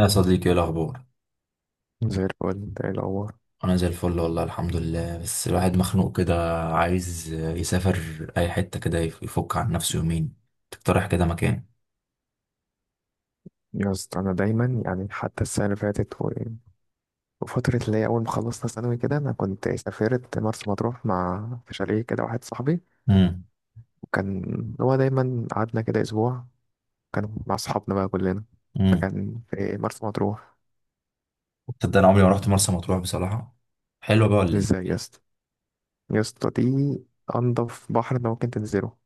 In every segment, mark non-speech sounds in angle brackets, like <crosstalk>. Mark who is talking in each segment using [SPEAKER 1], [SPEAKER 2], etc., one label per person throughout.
[SPEAKER 1] يا صديقي، ايه الاخبار؟
[SPEAKER 2] زي الفل، انت ايه الاخبار؟
[SPEAKER 1] انا زي الفل والله، الحمد لله. بس الواحد مخنوق كده، عايز يسافر اي حته كده يفك عن نفسه يومين. تقترح كده مكان؟
[SPEAKER 2] يا اسطى، انا دايما يعني حتى السنه اللي فاتت وفتره اللي هي اول ما خلصنا ثانوي كده انا كنت سافرت مرسى مطروح مع في شاليه كده واحد صاحبي.
[SPEAKER 1] امم.
[SPEAKER 2] وكان هو دايما، قعدنا كده اسبوع، كان مع اصحابنا بقى كلنا،
[SPEAKER 1] امم.
[SPEAKER 2] فكان في مرسى مطروح.
[SPEAKER 1] تصدق انا عمري ما رحت مرسى مطروح بصراحه؟ حلوه بقى ولا ايه؟
[SPEAKER 2] ازاي يا اسطى؟ يا اسطى دي انضف بحر انت ممكن تنزله.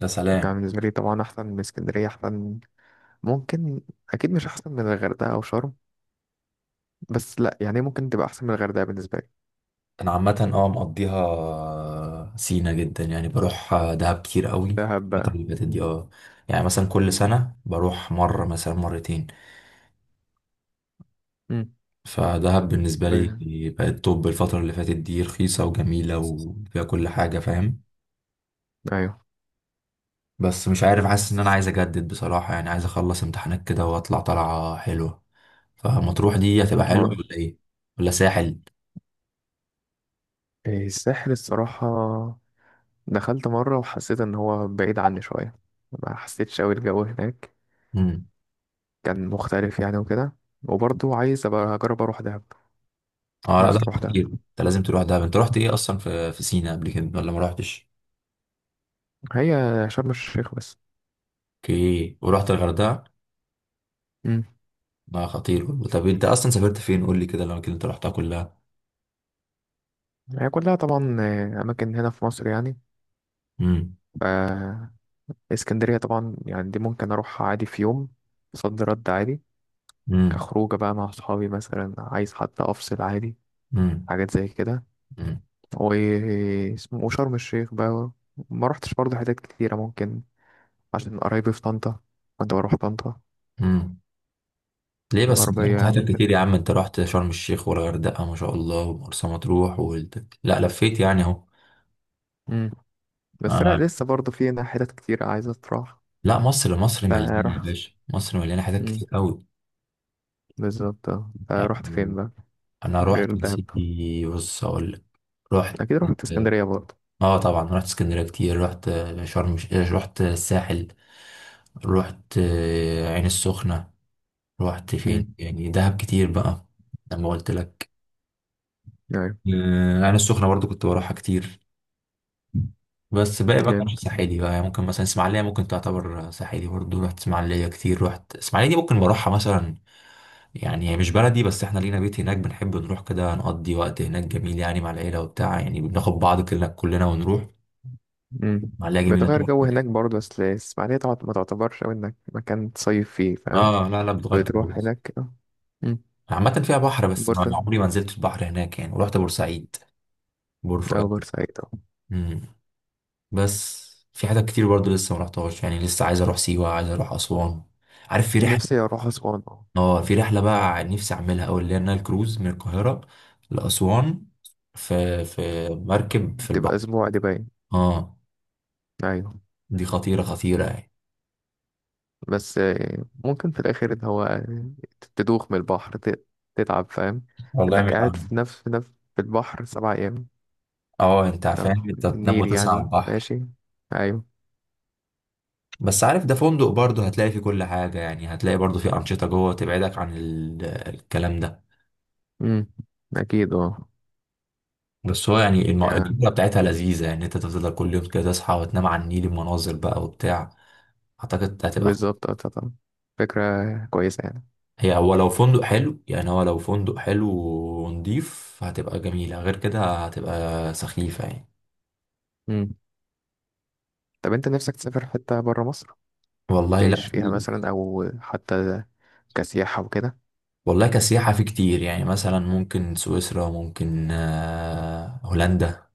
[SPEAKER 1] ده
[SPEAKER 2] يعني
[SPEAKER 1] سلام.
[SPEAKER 2] بالنسبه لي طبعا احسن من اسكندريه، احسن. ممكن، اكيد مش احسن من الغردقه او شرم، بس لا يعني ممكن تبقى احسن من الغردقه بالنسبه لي.
[SPEAKER 1] انا عامه مقضيها سينا جدا، يعني بروح دهب كتير قوي
[SPEAKER 2] دهب
[SPEAKER 1] الفتره
[SPEAKER 2] بقى.
[SPEAKER 1] اللي فاتت دي، اه. يعني مثلا كل سنه بروح مره، مثلا مرتين.
[SPEAKER 2] مم.
[SPEAKER 1] فدهب بالنسبة
[SPEAKER 2] ب،
[SPEAKER 1] لي بقت توب الفترة اللي فاتت دي، رخيصة وجميلة وفيها كل حاجة، فاهم.
[SPEAKER 2] ايوه.
[SPEAKER 1] بس مش عارف، حاسس إن أنا عايز أجدد بصراحة، يعني عايز أخلص امتحانات كده وأطلع طلعة حلوة. فمطروح دي هتبقى حلوة
[SPEAKER 2] هو
[SPEAKER 1] ولا إيه؟ ولا ساحل؟
[SPEAKER 2] الساحل الصراحة دخلت مرة وحسيت ان هو بعيد عني شوية، ما حسيتش اوي الجو هناك،
[SPEAKER 1] مم.
[SPEAKER 2] كان مختلف يعني وكده. وبرضه عايز ابقى اجرب اروح دهب.
[SPEAKER 1] أه لا،
[SPEAKER 2] نفسي
[SPEAKER 1] دهب
[SPEAKER 2] اروح دهب.
[SPEAKER 1] كتير. أنت لازم تروح دهب. أنت رحت إيه أصلا في سينا قبل كده ولا ما رحتش؟
[SPEAKER 2] هي شرم الشيخ بس.
[SPEAKER 1] أوكي، ورحت الغردقة؟
[SPEAKER 2] مم.
[SPEAKER 1] لا خطير والله. طب أنت أصلا سافرت فين؟ قول لي كده الأماكن اللي أنت رحتها كلها.
[SPEAKER 2] هي كلها طبعا اماكن هنا في مصر يعني.
[SPEAKER 1] مم.
[SPEAKER 2] ف اسكندرية طبعا يعني دي ممكن اروحها عادي في يوم. صد رد عادي
[SPEAKER 1] مم.
[SPEAKER 2] كخروجة بقى مع اصحابي مثلا، عايز حتى افصل عادي،
[SPEAKER 1] مم.
[SPEAKER 2] حاجات زي كده.
[SPEAKER 1] مم.
[SPEAKER 2] واسمه وشرم الشيخ بقى ما رحتش برضه حتت كتيرة ممكن، عشان قرايبي في طنطا كنت بروح طنطا،
[SPEAKER 1] مم. ليه بس انت
[SPEAKER 2] الغربية
[SPEAKER 1] رحت
[SPEAKER 2] يعني
[SPEAKER 1] حتت كتير
[SPEAKER 2] وكده.
[SPEAKER 1] يا عم؟ انت رحت شرم الشيخ والغردقة ما شاء الله ومرسى مطروح لا لفيت، يعني اهو.
[SPEAKER 2] مم. بس لا،
[SPEAKER 1] آه.
[SPEAKER 2] لسه برضه في هنا حتت كتيرة عايزة تروح.
[SPEAKER 1] لا، مصر مصر مليانة يا
[SPEAKER 2] فرحت.
[SPEAKER 1] باشا، مصر مليانة حتت
[SPEAKER 2] مم.
[SPEAKER 1] كتير قوي.
[SPEAKER 2] بالظبط اه. فرحت فين
[SPEAKER 1] يعني
[SPEAKER 2] بقى
[SPEAKER 1] انا
[SPEAKER 2] غير
[SPEAKER 1] رحت يا
[SPEAKER 2] دهب؟
[SPEAKER 1] سيدي، بص اقول لك. رحت،
[SPEAKER 2] أكيد رحت اسكندرية برضه.
[SPEAKER 1] اه طبعا، رحت اسكندرية كتير، رحت رحت الساحل، رحت عين السخنة، رحت فين
[SPEAKER 2] مم.
[SPEAKER 1] يعني، دهب كتير بقى، لما قلت لك.
[SPEAKER 2] أيوة.
[SPEAKER 1] عين السخنة برضو كنت بروحها كتير. بس باقي بقى كان
[SPEAKER 2] جامد.
[SPEAKER 1] رايح ساحلي بقى، يعني ممكن مثلا اسماعيلية، ممكن تعتبر ساحلي برضه. رحت اسماعيلية كتير، رحت اسماعيلية. دي ممكن بروحها مثلا، يعني هي مش بلدي بس احنا لينا بيت هناك، بنحب نروح كده نقضي وقت هناك جميل، يعني مع العيلة وبتاع، يعني بناخد بعض كلنا كلنا ونروح.
[SPEAKER 2] مم.
[SPEAKER 1] اسماعيلية جميلة
[SPEAKER 2] بتغير جو
[SPEAKER 1] تحفة.
[SPEAKER 2] هناك برضه، بس الإسماعيلية ما تعتبرش أوي إنك مكان تصيف فيه، فاهم؟
[SPEAKER 1] اه لا لا، بتغير جو
[SPEAKER 2] بتروح
[SPEAKER 1] بس.
[SPEAKER 2] هناك اه. مم.
[SPEAKER 1] عامة فيها بحر بس ما
[SPEAKER 2] بورسعيد.
[SPEAKER 1] عمري ما نزلت البحر هناك، يعني. ورحت بورسعيد،
[SPEAKER 2] أو
[SPEAKER 1] بورفؤاد.
[SPEAKER 2] بورسعيد أه.
[SPEAKER 1] امم. بس في حاجات كتير برضه لسه ما رحتهاش، يعني لسه عايز اروح سيوة، عايز اروح اسوان. عارف في رحلة؟
[SPEAKER 2] نفسي اروح اسوان اه.
[SPEAKER 1] اه، في رحلة بقى نفسي أعملها أوي، اللي هي النايل كروز من القاهرة لأسوان، في مركب في
[SPEAKER 2] تبقى
[SPEAKER 1] البحر.
[SPEAKER 2] اسبوع دي باين.
[SPEAKER 1] اه،
[SPEAKER 2] ايوه.
[SPEAKER 1] دي خطيرة خطيرة يعني.
[SPEAKER 2] بس ممكن في الاخر ان هو تدوخ من البحر، تتعب، فاهم؟
[SPEAKER 1] والله مش
[SPEAKER 2] انك
[SPEAKER 1] عارف.
[SPEAKER 2] قاعد في نفس في البحر 7 ايام.
[SPEAKER 1] اه، انت
[SPEAKER 2] أو
[SPEAKER 1] فاهم؟ انت
[SPEAKER 2] في
[SPEAKER 1] تنام
[SPEAKER 2] النيل
[SPEAKER 1] وتصحى على
[SPEAKER 2] يعني
[SPEAKER 1] البحر.
[SPEAKER 2] ماشي. ايوه.
[SPEAKER 1] بس عارف ده فندق برضه، هتلاقي فيه كل حاجة، يعني هتلاقي برضه فيه أنشطة جوه تبعدك عن الكلام ده.
[SPEAKER 2] امم. اكيد اه.
[SPEAKER 1] بس هو يعني الفكرة
[SPEAKER 2] يعني
[SPEAKER 1] بتاعتها لذيذة، يعني انت تفضل كل يوم كده تصحى وتنام على النيل، المناظر بقى وبتاع. أعتقد هتبقى.
[SPEAKER 2] بالظبط اه، طبعا فكرة كويسة يعني.
[SPEAKER 1] هو لو فندق حلو، يعني هو لو فندق حلو ونضيف هتبقى جميلة، غير كده هتبقى سخيفة يعني.
[SPEAKER 2] امم. طب انت نفسك تسافر حتة برا مصر،
[SPEAKER 1] والله لا،
[SPEAKER 2] تعيش فيها مثلا او حتى كسياحة وكده؟
[SPEAKER 1] والله كسياحة في كتير، يعني مثلا ممكن سويسرا، ممكن هولندا.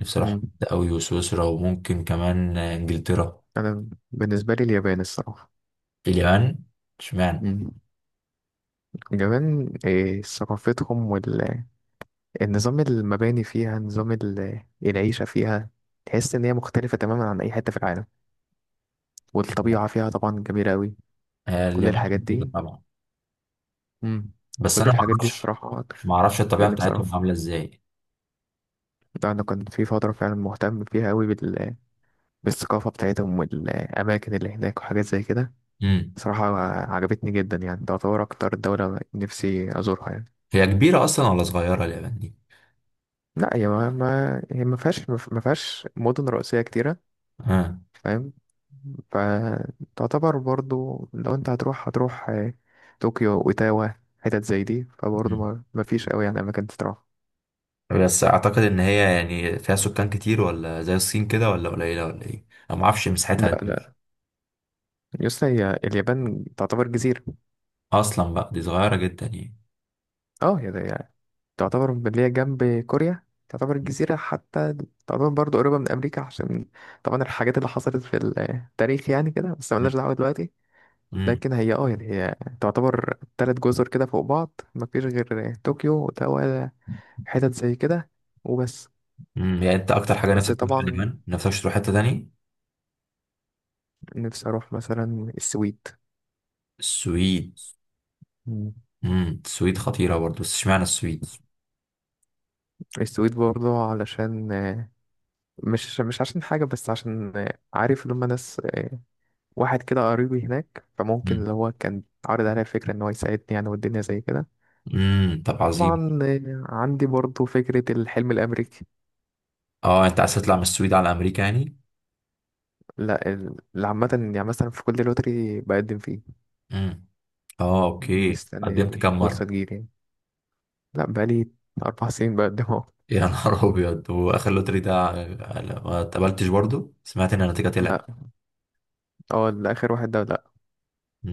[SPEAKER 1] نفسي اروح
[SPEAKER 2] امم.
[SPEAKER 1] هولندا قوي، وسويسرا، وممكن كمان انجلترا.
[SPEAKER 2] انا بالنسبة لي اليابان الصراحة.
[SPEAKER 1] اليابان؟ اشمعنى؟
[SPEAKER 2] امم. جمال ثقافتهم والنظام، المباني فيها نظام العيشة فيها. تحس إن هي مختلفة تماما عن أي حتة في العالم، والطبيعة فيها طبعا جميلة أوي. كل
[SPEAKER 1] اليابان
[SPEAKER 2] الحاجات
[SPEAKER 1] خطيرة
[SPEAKER 2] دي.
[SPEAKER 1] طبعا.
[SPEAKER 2] مم.
[SPEAKER 1] بس
[SPEAKER 2] كل
[SPEAKER 1] انا ما
[SPEAKER 2] الحاجات دي
[SPEAKER 1] اعرفش،
[SPEAKER 2] الصراحة.
[SPEAKER 1] الطبيعة
[SPEAKER 2] لأن بصراحة
[SPEAKER 1] بتاعتهم عاملة ازاي.
[SPEAKER 2] ده أنا كان في فترة فعلا مهتم فيها أوي بالثقافة بتاعتهم والأماكن اللي هناك وحاجات زي كده
[SPEAKER 1] امم.
[SPEAKER 2] صراحة. عجبتني جدا يعني، تعتبر أكتر دولة نفسي أزورها يعني.
[SPEAKER 1] هي كبيرة اصلا ولا صغيرة اليابان دي؟
[SPEAKER 2] لا هي ما فيهاش مدن رئيسية كتيرة،
[SPEAKER 1] اه.
[SPEAKER 2] فاهم؟ فتعتبر برضو لو انت هتروح، هتروح طوكيو وتاوا، حتت زي دي، فبرضو ما فيش قوي يعني اماكن تروح.
[SPEAKER 1] بس اعتقد ان هي يعني فيها سكان كتير، ولا زي الصين كده، ولا قليله، ولا ايه؟ انا ما اعرفش مساحتها
[SPEAKER 2] لا
[SPEAKER 1] دي
[SPEAKER 2] لا يسطا، هي اليابان تعتبر جزيرة.
[SPEAKER 1] اصلا بقى. دي صغيره جدا يعني.
[SPEAKER 2] اه هي ده يعني، تعتبر اللي هي جنب كوريا، تعتبر جزيرة حتى، تعتبر برضو قريبة من أمريكا عشان طبعا الحاجات اللي حصلت في التاريخ يعني كده، بس ملناش دعوة
[SPEAKER 1] <laughs>
[SPEAKER 2] دلوقتي.
[SPEAKER 1] امم.
[SPEAKER 2] لكن هي اه يعني هي تعتبر 3 جزر كده فوق بعض، مفيش غير طوكيو وتاوا، حتت زي كده، وبس.
[SPEAKER 1] امم. يعني انت اكتر حاجه
[SPEAKER 2] بس
[SPEAKER 1] نفسك تروح
[SPEAKER 2] طبعا
[SPEAKER 1] اليابان، نفسك تروح حته تاني؟
[SPEAKER 2] نفسي اروح مثلا السويد.
[SPEAKER 1] السويد؟
[SPEAKER 2] مم.
[SPEAKER 1] امم، السويد خطيره برضه، بس اشمعنى السويد؟
[SPEAKER 2] السويد برضه علشان مش عشان حاجة، بس عشان عارف لما ناس واحد كده قريبي هناك، فممكن
[SPEAKER 1] امم.
[SPEAKER 2] اللي هو كان عارض عليا فكرة ان هو يساعدني يعني، والدنيا زي كده.
[SPEAKER 1] امم، طب عظيم.
[SPEAKER 2] طبعا عندي برضه فكرة الحلم الأمريكي.
[SPEAKER 1] اه انت عايز تطلع من السويد على امريكا يعني؟
[SPEAKER 2] لا اللي عامة يعني مثلا في كل لوتري بقدم فيه.
[SPEAKER 1] امم. اه اوكي،
[SPEAKER 2] مستني
[SPEAKER 1] قدمت كام مره؟
[SPEAKER 2] الفرصة تجيلي. لا بقالي 4 <laughs> سنين بقدم اهو.
[SPEAKER 1] <laughs> يا نهار ابيض! واخر لوتري ده ما اتقبلتش برضه، سمعت ان النتيجه طلعت.
[SPEAKER 2] لا، هو الآخر واحد ده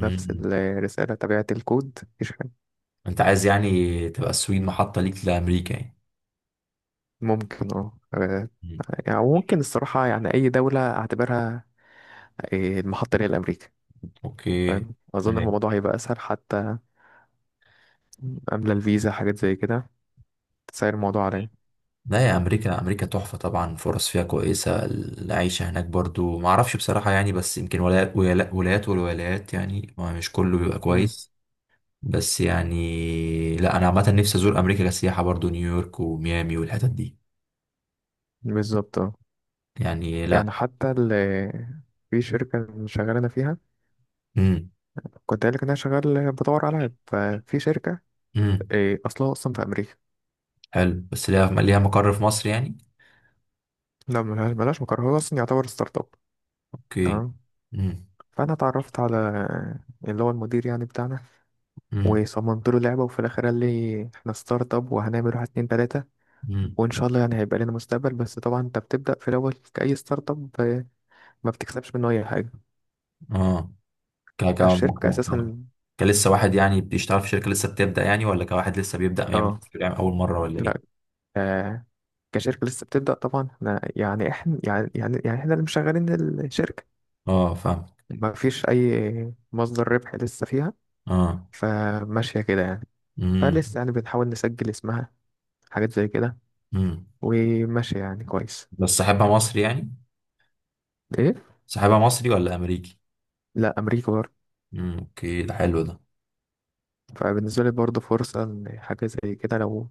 [SPEAKER 2] نفس الرسالة، تبعت الكود، مفيش حاجة.
[SPEAKER 1] انت عايز يعني تبقى السويد محطة ليك لأمريكا يعني؟
[SPEAKER 2] ممكن اه
[SPEAKER 1] مم.
[SPEAKER 2] يعني ممكن الصراحة يعني أي دولة أعتبرها المحطة اللي هي أمريكا،
[SPEAKER 1] اوكي.
[SPEAKER 2] فاهم؟ أظن
[SPEAKER 1] أيوة.
[SPEAKER 2] الموضوع هيبقى أسهل حتى قبل الفيزا، حاجات زي كده تسهل الموضوع عليا.
[SPEAKER 1] لا، يا امريكا، امريكا تحفة طبعا، فرص فيها كويسة، العيشة هناك برضو ما اعرفش بصراحة يعني، بس يمكن ولايات ولايات ولايات، والولايات يعني ما مش كله بيبقى
[SPEAKER 2] مم.
[SPEAKER 1] كويس. بس يعني لا، انا عامة نفسي ازور امريكا كسياحة برضو، نيويورك وميامي والحتت دي.
[SPEAKER 2] بالظبط اه.
[SPEAKER 1] يعني
[SPEAKER 2] يعني
[SPEAKER 1] لا.
[SPEAKER 2] حتى في شركة اللي شغال أنا فيها،
[SPEAKER 1] امم.
[SPEAKER 2] كنت قايل لك إن أنا شغال بدور على عيب. ففي شركة
[SPEAKER 1] امم،
[SPEAKER 2] أصلها أصلا في أمريكا.
[SPEAKER 1] حلو، بس ليها مقر في مصر يعني؟
[SPEAKER 2] لا ملهاش مقر، هو أصلا يعتبر ستارت أب.
[SPEAKER 1] اوكي.
[SPEAKER 2] تمام.
[SPEAKER 1] امم.
[SPEAKER 2] فأنا اتعرفت على اللي هو المدير يعني بتاعنا،
[SPEAKER 1] امم.
[SPEAKER 2] وصممت له لعبة، وفي الآخر قال لي احنا ستارت اب وهنعمل واحد 2 3،
[SPEAKER 1] امم.
[SPEAKER 2] وإن شاء الله يعني هيبقى لنا مستقبل. بس طبعا أنت بتبدأ في الأول كأي ستارت اب، ما بتكسبش منه أي حاجة.
[SPEAKER 1] اه. ك ك
[SPEAKER 2] الشركة
[SPEAKER 1] ك
[SPEAKER 2] أساسا
[SPEAKER 1] كلسه واحد يعني بيشتغل في شركة لسه بتبدأ، يعني ولا كواحد لسه بيبدأ يعمل
[SPEAKER 2] اه.
[SPEAKER 1] يعني أول مرة ولا إيه؟
[SPEAKER 2] لا آه، كشركة لسه بتبدأ طبعا. احنا يعني احنا اللي مشغلين الشركة،
[SPEAKER 1] اه فاهم.
[SPEAKER 2] ما فيش أي مصدر ربح لسه فيها،
[SPEAKER 1] اه.
[SPEAKER 2] فماشية كده يعني. فلسه
[SPEAKER 1] امم.
[SPEAKER 2] يعني بنحاول نسجل اسمها، حاجات زي كده،
[SPEAKER 1] امم.
[SPEAKER 2] وماشية يعني كويس.
[SPEAKER 1] بس صاحبها مصري يعني؟
[SPEAKER 2] ايه.
[SPEAKER 1] صاحبها مصري ولا أمريكي؟
[SPEAKER 2] لا أمريكا برضه.
[SPEAKER 1] اوكي، ده حلو ده.
[SPEAKER 2] فبالنسبة لي برضه فرصة إن حاجة زي كده لو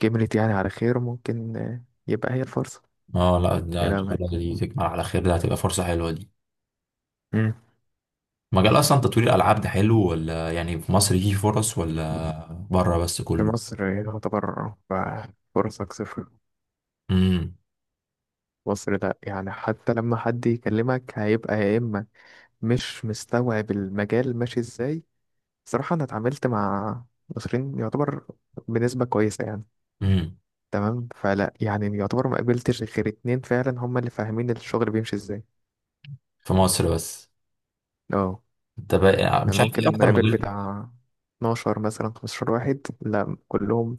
[SPEAKER 2] كملت يعني على خير، ممكن يبقى هي الفرصة.
[SPEAKER 1] اه لا،
[SPEAKER 2] يا
[SPEAKER 1] ده ان شاء
[SPEAKER 2] لهوي.
[SPEAKER 1] الله دي تكمل على خير، ده هتبقى فرصة حلوة دي.
[SPEAKER 2] مم.
[SPEAKER 1] مجال أصلا تطوير الألعاب ده حلو؟ ولا يعني في مصر فيه فرص ولا بره بس
[SPEAKER 2] في
[SPEAKER 1] كله؟
[SPEAKER 2] مصر يعتبر فرصك صفر.
[SPEAKER 1] امم.
[SPEAKER 2] مصر ده يعني حتى لما حد يكلمك هيبقى يا إما مش مستوعب المجال ماشي إزاي. صراحة أنا اتعاملت مع مصريين يعتبر بنسبة كويسة يعني.
[SPEAKER 1] امم،
[SPEAKER 2] تمام. فلا يعني يعتبر ما قابلتش غير اتنين فعلا هما اللي فاهمين الشغل بيمشي إزاي.
[SPEAKER 1] في مصر بس؟
[SPEAKER 2] اه.
[SPEAKER 1] انت بقى مش
[SPEAKER 2] يعني
[SPEAKER 1] عارف ايه
[SPEAKER 2] ممكن
[SPEAKER 1] اكتر
[SPEAKER 2] مقابل
[SPEAKER 1] مجال؟
[SPEAKER 2] بتاع 12 مثلا 15 واحد، لا كلهم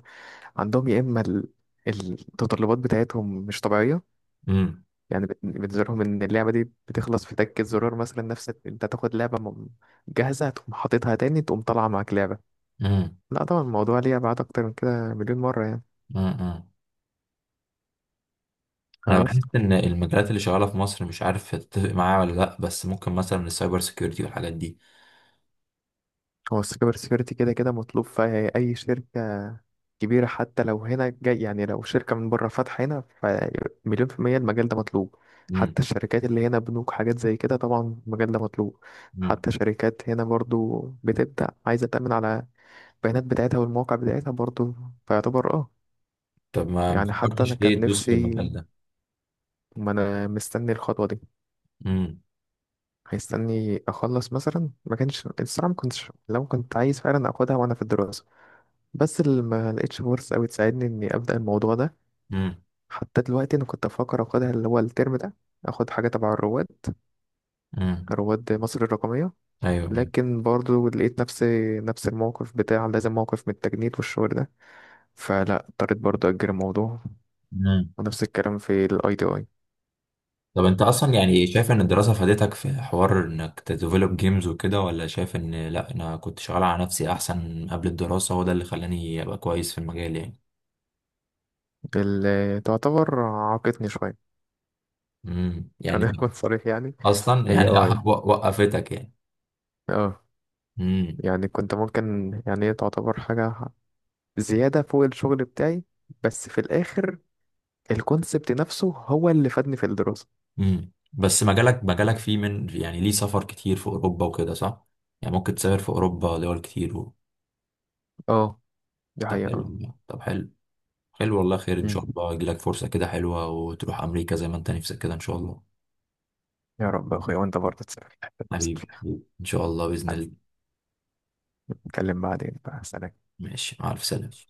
[SPEAKER 2] عندهم يا اما المتطلبات بتاعتهم مش طبيعيه.
[SPEAKER 1] امم.
[SPEAKER 2] يعني بالنسبه لهم ان اللعبه دي بتخلص في تكه زرار مثلا، نفس انت تاخد لعبه جاهزه تقوم حاططها تاني تقوم طالعه معاك لعبه.
[SPEAKER 1] امم.
[SPEAKER 2] لا طبعا الموضوع ليه ابعاد اكتر من كده مليون مره يعني.
[SPEAKER 1] امم. انا
[SPEAKER 2] بس.
[SPEAKER 1] بحس ان المجالات اللي شغاله في مصر مش عارف تتفق معايا ولا لا، بس ممكن مثلا السايبر سيكيورتي والحاجات دي.
[SPEAKER 2] هو السايبر سيكيورتي كده كده مطلوب في أي شركة كبيرة، حتى لو هنا جاي يعني لو شركة من بره فاتحة هنا، فمليون في المية المجال ده مطلوب.
[SPEAKER 1] امم.
[SPEAKER 2] حتى الشركات اللي هنا، بنوك، حاجات زي كده، طبعا المجال ده مطلوب.
[SPEAKER 1] امم،
[SPEAKER 2] حتى شركات هنا برضو بتبدأ عايزة تأمن على البيانات بتاعتها والمواقع بتاعتها برضو، فيعتبر اه.
[SPEAKER 1] طب ما
[SPEAKER 2] يعني حتى أنا
[SPEAKER 1] فكرتش ليه
[SPEAKER 2] كان
[SPEAKER 1] تدوس في المجال
[SPEAKER 2] نفسي،
[SPEAKER 1] ده؟
[SPEAKER 2] ما أنا مستني الخطوة دي،
[SPEAKER 1] امم.
[SPEAKER 2] هيستني أخلص مثلا. ما كانش الصراحة، ما كنتش لو كنت عايز فعلا أخدها وأنا في الدراسة، بس اللي ما لقيتش فرص قوي تساعدني اني ابدا الموضوع ده.
[SPEAKER 1] امم.
[SPEAKER 2] حتى دلوقتي انا كنت بفكر اخدها اللي هو الترم ده، اخد حاجه تبع الرواد،
[SPEAKER 1] امم.
[SPEAKER 2] رواد مصر الرقميه.
[SPEAKER 1] ايوه، ايوه.
[SPEAKER 2] لكن برضو لقيت نفسي نفس الموقف بتاع لازم، موقف من التجنيد والشغل ده، فلا اضطريت برضو اجل الموضوع.
[SPEAKER 1] امم،
[SPEAKER 2] ونفس الكلام في الاي تي اي،
[SPEAKER 1] طب انت اصلا يعني شايف ان الدراسه فادتك في حوار انك تديفلوب جيمز وكده، ولا شايف ان لا انا كنت شغال على نفسي احسن قبل الدراسه وده اللي خلاني ابقى كويس في المجال يعني؟
[SPEAKER 2] اللي تعتبر عاقتني شويه.
[SPEAKER 1] امم،
[SPEAKER 2] <laughs>
[SPEAKER 1] يعني.
[SPEAKER 2] خلينا نكون صريح يعني.
[SPEAKER 1] اصلا
[SPEAKER 2] هي
[SPEAKER 1] يعني
[SPEAKER 2] اه
[SPEAKER 1] <laughs> وقفتك.
[SPEAKER 2] اه
[SPEAKER 1] يعني.
[SPEAKER 2] يعني كنت ممكن يعني هي تعتبر حاجه زياده فوق الشغل بتاعي، بس في الاخر الكونسبت نفسه هو اللي فادني في الدراسة.
[SPEAKER 1] امم، بس مجالك مجالك فيه من يعني ليه سفر كتير في اوروبا وكده، صح؟ يعني ممكن تسافر في اوروبا دول كتير
[SPEAKER 2] اه دي
[SPEAKER 1] طب
[SPEAKER 2] حقيقة
[SPEAKER 1] حلو
[SPEAKER 2] اه.
[SPEAKER 1] والله. طب حلو. حلو والله، خير ان
[SPEAKER 2] مم.
[SPEAKER 1] شاء الله، يجيلك فرصة كده حلوة وتروح امريكا زي ما انت نفسك كده ان شاء الله.
[SPEAKER 2] يا رب يا أخويا، وأنت برضه تسافر الحتة اللي نفسك
[SPEAKER 1] حبيبي
[SPEAKER 2] فيها.
[SPEAKER 1] حبيبي، ان شاء الله باذن
[SPEAKER 2] حبيبي.
[SPEAKER 1] الله.
[SPEAKER 2] نتكلم بعدين بقى، سلام.
[SPEAKER 1] ماشي، مع الف سلامة.